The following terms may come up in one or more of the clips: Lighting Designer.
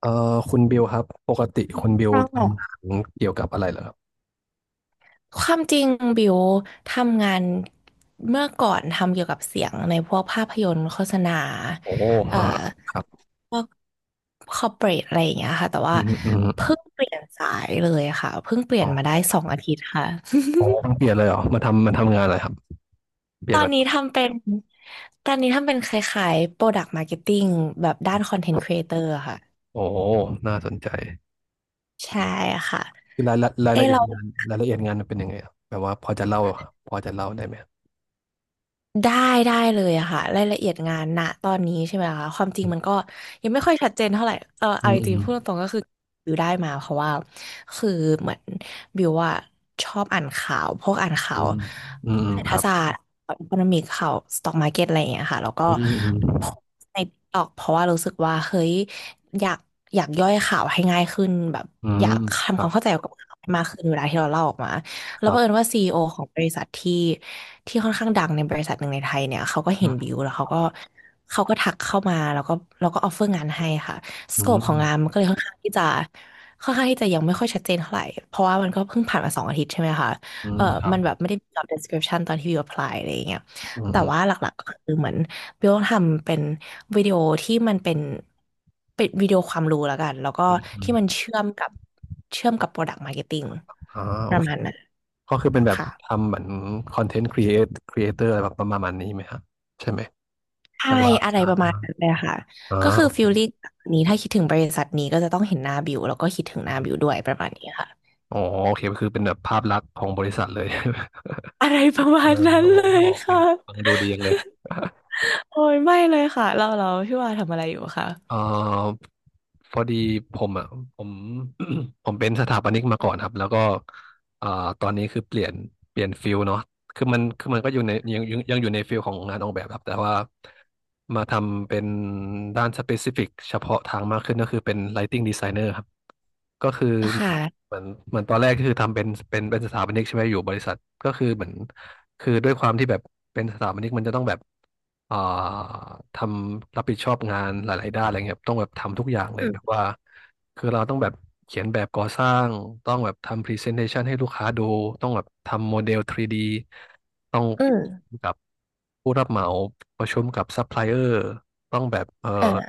เอ่อคุณบิวครับปกติคุณบิวค่ทำงาะนเกี่ยวกับอะไรเหรอครับความจริงบิวทำงานเมื่อก่อนทำเกี่ยวกับเสียงในพวกภาพยนตร์โฆษณาโอ้เอ่อ่าอครับคอร์เปรทอะไรอย่างเงี้ยค่ะแต่อืว่ามอืมเพิ่งเปลี่ยนสายเลยค่ะเพิ่งเปลี่ยอ๋นอมาได้สองอาทิตย์ค่ะ อ๋อเพิ่งเปลี่ยนเลยเหรอมาทำงานอะไรครับเป ตลี่ยอนนมานี้ทำเป็นตอนนี้ทำเป็นคล้ายๆ Product Marketing แบบด้าน Content Creator อะค่ะโอ้น่าสนใจใช่ค่ะคือรายละรายเอ้ละยเอียเรา ดงานรายละเอียดงานมันเป็นยังไงครับแบบว่าพอจะเล่าได้ไหมได้ได้เลยอะค่ะรายละเอียดงานณตอนนี้ใช่ไหมคะความจริอืงมันมก็ยังไม่ค่อยชัดเจนเท่าไหร่เอออืเอาจริงๆพูดตมรงๆก็คือบิวได้มาเพราะว่าคือเหมือนบิวว่าชอบอ่านข่าวพวกอ่านข่าอืวมอืมอืมเศรษคฐรับศาสตร์อีโคโนมิกข่าวสต็อกมาร์เก็ตอะไรอย่างเงี้ยค่ะแล้วก็อืมอืมโพสต์ในตอกเพราะว่ารู้สึกว่าเฮ้ยอยากอยากย่อยข่าวให้ง่ายขึ้นแบบอือมยากคทำรัควาบมเข้าใจกับข่าวให้มากขึ้นเวลาที่เราเล่าออกมา คแล้วรับังเอิญบว่าซีอีโอของบริษัทที่ค่อนข้างดังในบริษัทหนึ่งในไทยเนี่ยเขาก็อืเห็นมบิวแล้วเขาก็ทักเข้ามาแล้วก็ออฟเฟอร์งานให้ค่ะสอืโคปของงานมัมนก็เลยค่อนข้างที่จะค่อนข้างที่จะยังไม่ค่อยชัดเจนเท่าไหร่เพราะว่ามันก็เพิ่งผ่านมาสองอาทิตย์ใช่ไหมคะอืมเออครับมันแบบไม่ได้มี job description ตอนที่บิว apply อะไรอย่างเงี้ยอืมแต่อว่าหลักๆก็คือเหมือนบิวต้องทำเป็นวิดีโอที่มันเป็นวิดีโอความรู้แล้วกันแล้วก็ืมอืมที่มันอมเชื่อมกับ product marketing อ่าโอ ประมาณนั้น ก็คือเป็นแบบค่ะทำเหมือนคอนเทนต์ครีเอเตอร์อะไรแบบประมาณนี้ไหมครับใช่ไหมแปใช่ลว่าอะไรใช่ประมาณนั้นเลยค่ะอ่ก็คือฟิาลลิ่งแบบนี้ถ้าคิดถึงบริษัทนี้ก็จะต้องเห็นหน้าบิวแล้วก็คิดถึงหน้าบิวด้อวยประมาณนี้ค่ะอ๋อโอเคก็คือเป็นแบบภาพลักษณ์ของบริษัทเลย อะไรประ เอมาอณนั้นโอเลยโอเคค่ะฟังดูดีจังเลย โอ้ยไม่เลยค่ะเราเราพี่ว่าทำอะไรอยู่คะเอ่อพอดีผมอ่ะผม ผมเป็นสถาปนิกมาก่อนครับแล้วก็เอ่อตอนนี้คือเปลี่ยนฟิลเนาะคือมันก็อยู่ในยังอยู่ในฟิลของงานออกแบบครับแต่ว่ามาทำเป็นด้านสเปซิฟิกเฉพาะทางมากขึ้นก็คือเป็น Lighting Designer ครับ ก็คือค่ะเหมือนตอนแรกก็คือทำเป็นสถาปนิกใช่ไหมอยู่บริษัทก็คือเหมือนคือด้วยความที่แบบเป็นสถาปนิกมันจะต้องแบบอ่าทำรับผิดชอบงานหลายๆด้านอะไรเงี้ยครับต้องแบบทำทุกอย่างเลอืยแบบมว่าคือเราต้องแบบเขียนแบบก่อสร้างต้องแบบทำพรีเซนเทชันให้ลูกค้าดูต้องแบบทำโมเดล 3D ต้องอืมกับผู้รับเหมาประชุมกับซัพพลายเออร์ ต้องแบบเออ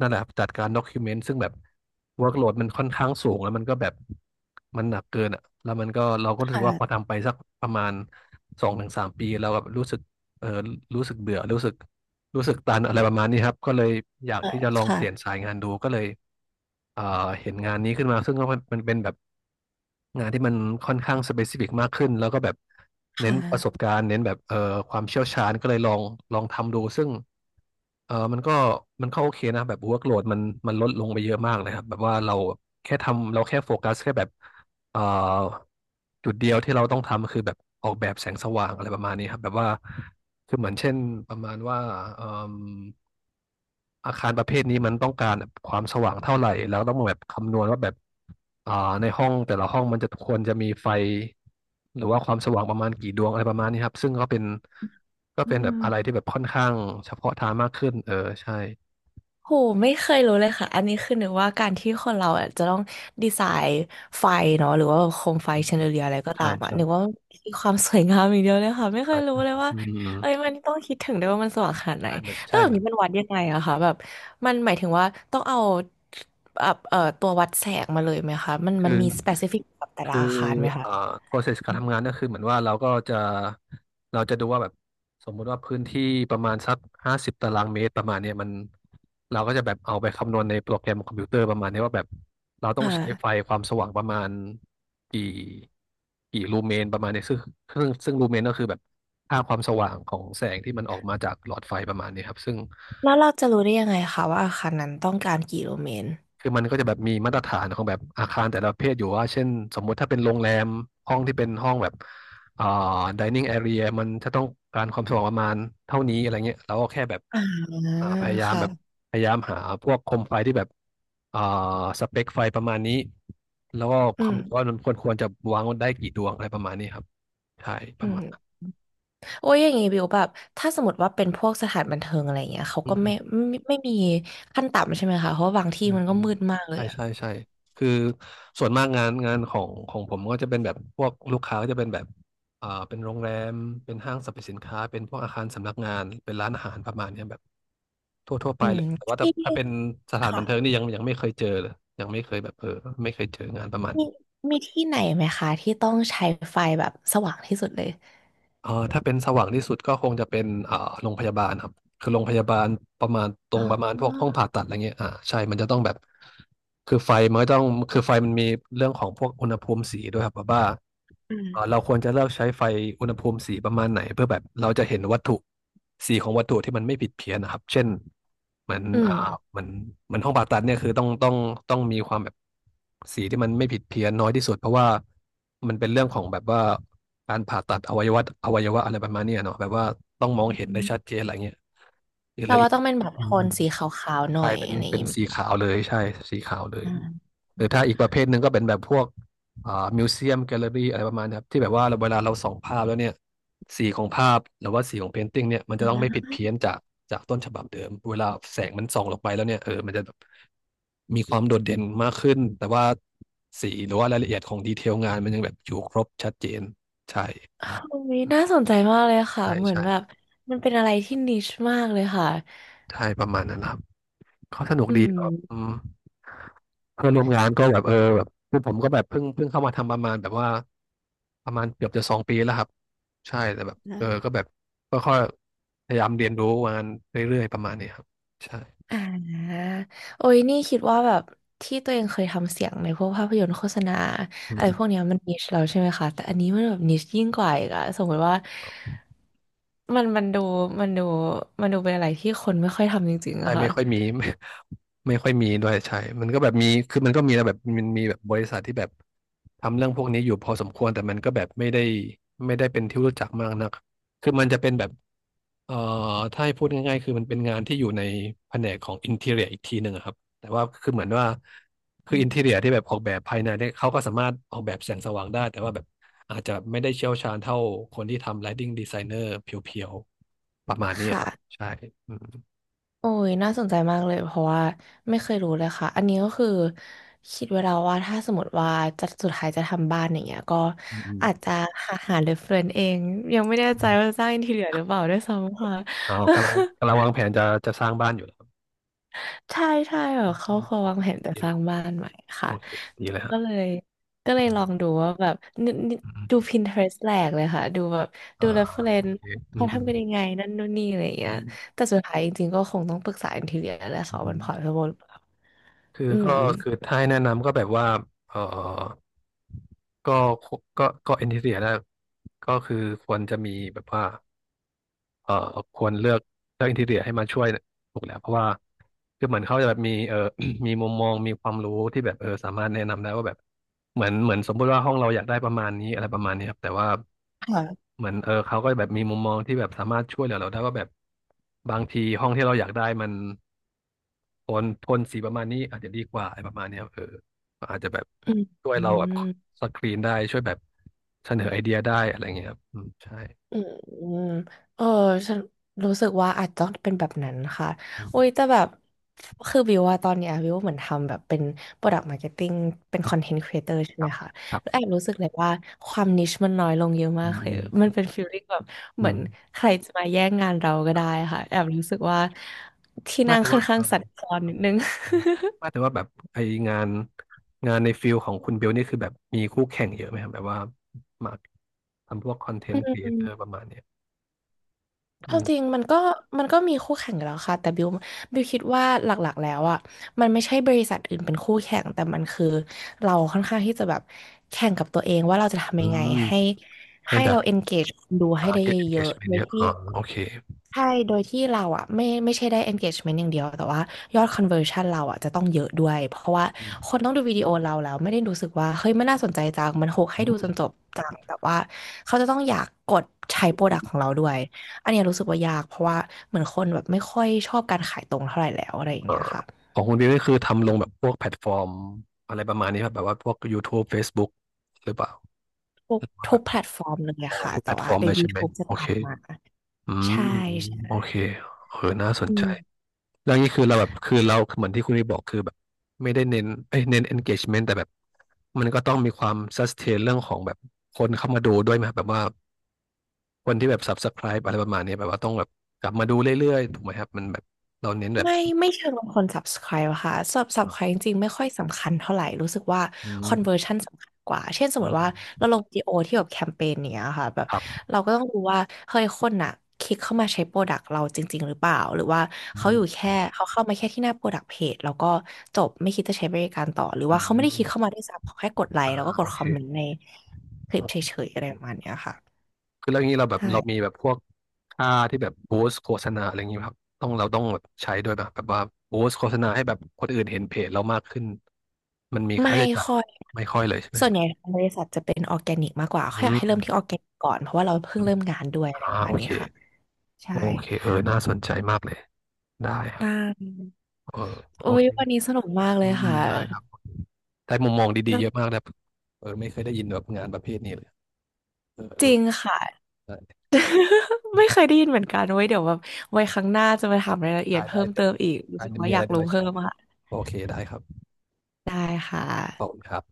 นั่นแหละครับจัดการด็อกิเมนต์ซึ่งแบบ workload มันค่อนข้างสูงแล้วมันก็แบบมันหนักเกินอ่ะแล้วมันก็เราก็รู้สึกว่าพอค่ะทำไปสักประมาณ2-3 ปีเราแบบรู้สึกเออรู้สึกเบื่อรู้สึกตันอะไรประมาณนี้ครับก็เลยอยากที่จะลองเปลี่ยนค่ะสายงานดูก็เลยเอ่อเห็นงานนี้ขึ้นมาซึ่งก็มันเป็นแบบงานที่มันค่อนข้างสเปซิฟิกมากขึ้นแล้วก็แบบเน้ค่นประสบะการณ์เน้นแบบความเชี่ยวชาญก็เลยลองทำดูซึ่ง เออมันก็โอเคนะแบบ workload มันลดลงไปเยอะมากเลยครับแบบว่าเราแค่ทำเราแค่โฟกัสแค่แบบเอ่อจุดเดียวที่เราต้องทำคือแบบออกแบบแสงสว่างอะไรประมาณนี้ครับแบบว่าคือเหมือนเช่นประมาณว่าเอิ่มอาคารประเภทนี้มันต้องการแบบความสว่างเท่าไหร่แล้วต้องแบบคำนวณว่าแบบอ่าในห้องแต่ละห้องมันจะควรจะมีไฟหรือว่าความสว่างประมาณกี่ดวงอะไรประมาณนี้ครับซึ่งก็เป็นก็อืเป็นแบบอะไรที่ม แบบค่อนข้างเฉพาะทางมากขึ้นใช่ โหไม่เคยรู้เลยค่ะอันนี้คือนึกว่าการที่คนเราอะจะต้องดีไซน์ไฟเนาะหรือว่าแบบโคมไฟอืมแชนเดอเลียอะไรก็ใช่ตามอ่ะใช่นึกว่ามันคือความสวยงามอย่างเดียวเลยค่ะไม่เคใช่ยรู้เลยว่าอืมเอ้ยมันต้องคิดถึงด้วยว่ามันสว่างขนาดไหนใช่มันแล้วใช่แบบมันนี้มันวัดยังไงอะคะแบบมันหมายถึงว่าต้องเอาแบบตัววัดแสงมาเลยไหมคะมันคือมันมีสเปซิฟิกกับแต่ละคืออาคารไหมเอ่อ คะ process การทำงานก็คือเหมือนว่าเราก็จะเราจะดูว่าแบบสมมุติว่าพื้นที่ประมาณสัก50 ตารางเมตรประมาณเนี้ยมันเราก็จะแบบเอาไปคำนวณในโปรแกรมคอมพิวเตอร์ประมาณเนี้ยว่าแบบเราต้คองใช้ไฟ่ะความสว่างประมาณกี่กี่ลูเมนประมาณเนี้ยซึ่งลูเมนก็คือแบบค่าความสว่างของแสงที่มันออกมาจากหลอดไฟประมาณเนี้ยครับซึ่ง แล้วเราจะรู้ได้ยังไงคะว่าอาคารนั้นต้องการกี่โลเมตรคือมันก็จะแบบมีมาตรฐานของแบบอาคารแต่ละประเภทอยู่ว่าเช่นสมมุติถ้าเป็นโรงแรมห้องที่เป็นห้องแบบอ่า dining area มันจะต้องการความสว่างประมาณเท่านี้อะไรเงี้ยเราก็แค่แบบอ่าอ่าพยายามแบบค่ะพยายามหาพวกโคมไฟที่แบบอ่าสเปคไฟประมาณนี้แล้วก็อืมคำนวณว่ามันควรจะวางได้กี่ดวงอะไรประมาณนี้ครับใช่ปอืระมาม ณนั้น โอ้ยอย่างงี้บิวแบบถ้าสมมติว่าเป็นพวกสถานบันเทิงอะไรอย่างเงี้ยเขาก็ไม่ไม่มีขั้นต่ำใช่ไหมคะเพราะว่าบางอืที่มมันอืก็มมืดมากเลใช่ยอะใช่ใช่คือส่วนมากงานของผมก็จะเป็นแบบพวกลูกค้าก็จะเป็นแบบเป็นโรงแรมเป็นห้างสรรพสินค้าเป็นพวกอาคารสำนักงานเป็นร้านอาหารประมาณเนี้ยแบบทั่วไปอืเลมยแต่ว่าถ้าที่ถ้าเป็นสถานบัค่ะนเทิงนี่ยังไม่เคยเจอเลยยังไม่เคยแบบไม่เคยเจองานประมาณมีนี้มีที่ไหนไหมคะที่ต้องใช้ไฟแบบสว่างที่สุดเลยอ่าถ้าเป็นสว่างที่สุดก็คงจะเป็นโรงพยาบาลครับ คือโรงพยาบาลประมาณตรอ๋งประมาณพวกห้องอผ่าตัดอะไรเงี้ยอ่าใช่มันจะต้องแบบคือไฟมันก็ต้องคือไฟมันมีเรื่องของพวกอุณหภูมิสีด้วยครับแบบว่าอืมเราควรจะเลือกใช้ไฟอุณหภูมิสีประมาณไหนเพื่อแบบเราจะเห็นวัตถุสีของวัตถุที่มันไม่ผิดเพี้ยนนะครับ เช่นเหมือนอืมเหมือนห้องผ่าตัดเนี่ยคือต้องมีความแบบสีที่มันไม่ผิดเพี้ยนน้อยที่สุดเพราะว่ามันเป็นเรื่องของแบบว่าการผ่าตัดอวัยวะอะไรประมาณเนี้ยเนาะแบบว่าต้องมองอเห็นได้ืมชัดเจนอะไรเงี้ย เอแปลลออีว่ากต้องเป็นแบบอืโทมอืนมสีขาวๆหน่อใช่ยเป็นอะไรอย่างเป็นงี้ไหสีมขาวเลยใช่สีขาวเลยอมหรือถ้าอีกประเภทหนึ่งก็เป็นแบบพวกอ่ามิวเซียมแกลเลอรี่อะไรประมาณนี้ครับที่แบบว่าเราเวลาเราส่องภาพแล้วเนี่ยสีของภาพหรือว่าสีของเพนติ้งเนี่ยมันอืจะต้องไม่ผิดมเพี้ยนจากต้นฉบับเดิมเวลาแสงมันส่องลงไปแล้วเนี่ยเออมันจะแบบมีความโดดเด่นมากขึ้นแต่ว่าสีหรือว่ารายละเอียดของดีเทลงานมันยังแบบอยู่ครบชัดเจนใช่โอ้ยน่าสนใจมากเลยค่ะใช่เหมือนใช่แบบมันเป็นอะไรที่นิชมากเลยค่ะใช่ประมาณนั้นครับ เขาสนุกอืดีแบบอืม มเพื่อนร่วมงานก็แบบเออแบบคือผมก็แบบเพิ่งเข้ามาทำประมาณแบบว่าประมาณเกือบจะ2 ปีแล้วครับใช่แต่แบบเออก็แบบก็ค่อยๆพยายามเรียนรู้มานเรื่อยๆประมาณนี้ครับใช่อ่าโอ้ยนี่คิดว่าแบบที่ตัวเองเคยทำเสียงในพวกภาพยนตร์โฆษณาอือะไรพวมกเนี้ยมันนิชเราใช่ไหมคะแต่อันนี้มันแบบนิชยิ่งกว่าอีกอะสมมติว่ามันมันดูมันดูมันดูเป็นอะไรที่คนไม่ค่อยทำจริงๆใช่อะไม่ค่ะค่อยมี ไม่ไม่ค่อยมีด้วยใช่มันก็แบบมีคือมันก็มีนะแบบมันมีแบบบริษัทที่แบบทำเรื่องพวกนี้อยู่พอสมควรแต่มันก็แบบไม่ได้เป็นที่รู้จักมากนักคือมันจะเป็นแบบ เอ่อถ้าให้พูดง่ายๆคือมันเป็นงานที่อยู่ในแผนกของอินทีเรียอีกทีหนึ่งอะครับแต่ว่าคือเหมือนว่าคืออินทีเรียที่แบบออกแบบภายในเนี่ยเขาก็สามารถออกแบบแสงสว่างได้แต่ว่าแบบอาจจะไม่ได้เชี่ยวชาญเท่าคนที่ทำ Lighting Designer เพียวๆประมาณนี้อะค่ะ ครับใช่อืมโอ้ยน่าสนใจมากเลยเพราะว่าไม่เคยรู้เลยค่ะอันนี้ก็คือคิดไว้แล้วว่าถ้าสมมติว่าจะสุดท้ายจะทำบ้านอย่างเงี้ยก็อืมอืมอาจจะหาเรฟเฟรนซ์เองยังไม่แน่ใจว่าจะสร้างอินทีเรียหรือเปล่าด้วยซ้ำค่ะ เอากำลังวางแผนจะสร้างบ้านอยู่แล้วครับ ใช่ใช่แบอืบเขามควรโอวางเคแผนจะดีสเลร้ายงบ้านใหม่โอค่ะเคดีเลยฮะก็เลยอืลองมดูว่าแบบนินิอืมดู Pinterest แหลกเลยค่ะดูแบบอ่าดูเรฟเฟรโอนซ์เคอืเขามทำกันยังไงนั่นนู่นนี่อะไรอย่างเงี้ยอืมแต่สุดท้ายจริงๆก็คงต้องปรึกษาอินทีเรียแหละค่ะว่ามันอืม พอรตเทเบิล คืออืมก็คือถ้าให้แนะนำก็แบบว่าเออก็ก็ก็เอนทีเรียนะก็คือควรจะมีแบบว่า เอ่อควรเลือกเลือกอินทีเรียให้มาช่วยถูกแล้วเพราะว่าคือเหมือนเขาจะแบบมี มีมุมมองมีความรู้ที่แบบเออสามารถแนะนำได้ว่าแบบเหมือนสมมุติว่าห้องเราอยากได้ประมาณนี้อะไรประมาณนี้ครับแต่ว่าค่ะเหมือนเออเขาก็แบบมีมุมมองที่แบบสามารถช่วยเหลือเราได้ว่าแบบบางทีห้องที่เราอยากได้มันโทนสีประมาณนี้อาจจะดีกว่าอะไรประมาณนี้ครับเออก็อาจจะแบบอืมช่วยอืเราแบบมสกรีนได้ช่วยแบบเสนอไอเดียได้อะไรอย่างเงี้ยครับอืมใช่อืมอืมเออฉันรู้สึกว่าอาจจะต้องเป็นแบบนั้นค่ะอืโอ้มยแต่แบบคือวิวว่าตอนเนี้ยวิวเหมือนทำแบบเป็น Product Marketing เป็น Content Creator ใช่คไหรัมบ คะแล้วแอบรู้สึกเลยว่าความนิชมันน้อยลงเยอะอืมากมเลอืยมมันเป็นฟีลลิ่งแบบอืเหมือนมใครจะมาแย่งงานเราก็ได้ค่ะแอบรู้สึกว่าที่ไมานั่งแต่ค่อว่านข้าเองอสั่นคลอนนิดนึง ไมาแต่ว่าแบบไองานงานในฟิลของคุณเบลนี่คือแบบมีคู่แข่งเยอะไหมครับแบบว่ามาทำพวกคอนเทนต์ครีเอเตอร์ป ระมาณเนี้ยคอืวามจริงมมันก็มีคู่แข่งอยู่แล้วค่ะแต่บิวคิดว่าหลักๆแล้วอ่ะมันไม่ใช่บริษัทอื่นเป็นคู่แข่งแต่มันคือเราค่อนข้างที่จะแบบแข่งกับตัวเองว่าเราจะอืทำยังไงมให้ให้ให้แบบเรา engage คนดูให้อ่า ได้เ get ยอะๆโด engagement ยเยอะที่ อ๋อโอเคใช่โดยที่เราอะไม่ใช่ได้ engagement อย่างเดียว แต่ว่ายอด conversion เราอะจะต้องเยอะด้วย เพราะว่าอืคมนต้องดูวิดีโอเราแล้วไม่ได้รู้สึกว่าเฮ้ยมันน่าสนใจจังมันโฮกอืให้ดูจนมจบจังแต่ว่าเขาจะต้องอยากกดใช้อโปรืดักต์ขอมงเราด้วยอันเนี้ยรู้สึกว่ายากเพราะว่าเหมือนคนแบบไม่ค่อยชอบการขายตรงเท่าไหร่แล้วอะไรอย่างเอ่เงี้ยอค่ะของคุณเบลนี่คือทำลงแบบพวกแพลตฟอร์มอะไรประมาณนี้ครับแบบว่าพวก YouTube Facebook หรือเปล่าทุกว่าทุแบกบแพลตฟอร์มเลยออะอค่ะทุกแพแต่ลตฟว่าอร์มใน เลยใช่ไหม YouTube จะโอตัเคดมาอืมใช่โอใช่เคเออน่าสนอืใจ ม แล้วนี่คือเราแบบคือเราเหมือนที่คุณพี่บอกคือแบบไม่ได้เน้นเอ้ยเน้น engagement แต่แบบมันก็ต้องมีความ sustain เรื่องของแบบคนเข้ามาดูด้วยไหมครับแบบว่าคนที่แบบ subscribe อะไรประมาณนี้แบบว่าต้องแบบกลับมาดูเรื่อยๆถูกไหมครับมันแบบเราเน้นแบบไม่ไม่เชิงลงคน subscribe อะค่ะ subscribe จริงๆไม่ค่อยสำคัญเท่าไหร่รู้สึกว่า อืม conversion สำคัญกว่าเช่นสอืมมติว่ามเราลงวิดีโอที่แบบแคมเปญเนี้ยค่ะแบบครับเราก็ต้องดูว่าเฮ้ยคนน่ะคลิกเข้ามาใช้โปรดักต์เราจริงๆหรือเปล่าหรือว่าอืเขาอมยู่แค่เขาเข้ามาแค่ที่หน้าโปรดักต์เพจแล้วก็จบไม่คิดจะใช้บริการต่อหรืออืว่าเขาไม่ได้คลิกเข้ามมาด้วยซ้ำเขาแค่กดไลอ่าค์แล้วก็กโอดคเคอมเมนต์ในคลิปเฉยๆอะไรประมาณเนี้ยค่ะคือเรื่องนี้เราแบบเรามีใช่ แบบพวก ค่าที่แบบบูสต์โฆษณาอะไรอย่างนี้ครับต้องเราต้องแบบใช้ด้วยป่ะแบบว่าบูสต์โฆษณาให้แบบคนอื่นเห็นเพจเรามากขึ้นมันมีค่าไม่ใช้จ่ายค่อย ไม่ค่อยเลยใช่ไหมส่วนใหญ่างบริษัทจะเป็นออร์แกนิกมากกว่าเขาอือยากมให้เริ่มที่ออร์แกนิกก่อน เพราะว่าเราอเพิ่งมเริ่มงานด้วยอะไรอ่าประมาโอณนี้เคค่ะใช่โอเคเออน่าสนใจมากเลยได้คนรับาเออโอโอ้ยเควันนี้สนุกมากเลอืยมอืมค่ะ ได้ครับได้มุมมองดีๆเยอะมากนะเออไม่เคยได้ยินแบบงานประเภทนี้เลยเออจรู้ริงค่ะ ได้ ไม่เคยได้ยินเหมือนกันโว้ย เดี๋ยวแบบไว้ครั้งหน้าจะมาถามรายละเอียดได้ได้เพิ่มเดี๋เติยวมอีกรู้ได้สึกว่ามีออะไรยากเดี๋ยวรู้มาแชเพิ่มร์ค่ะโอเคได้ครับได้ค่ะขอบคุณครับ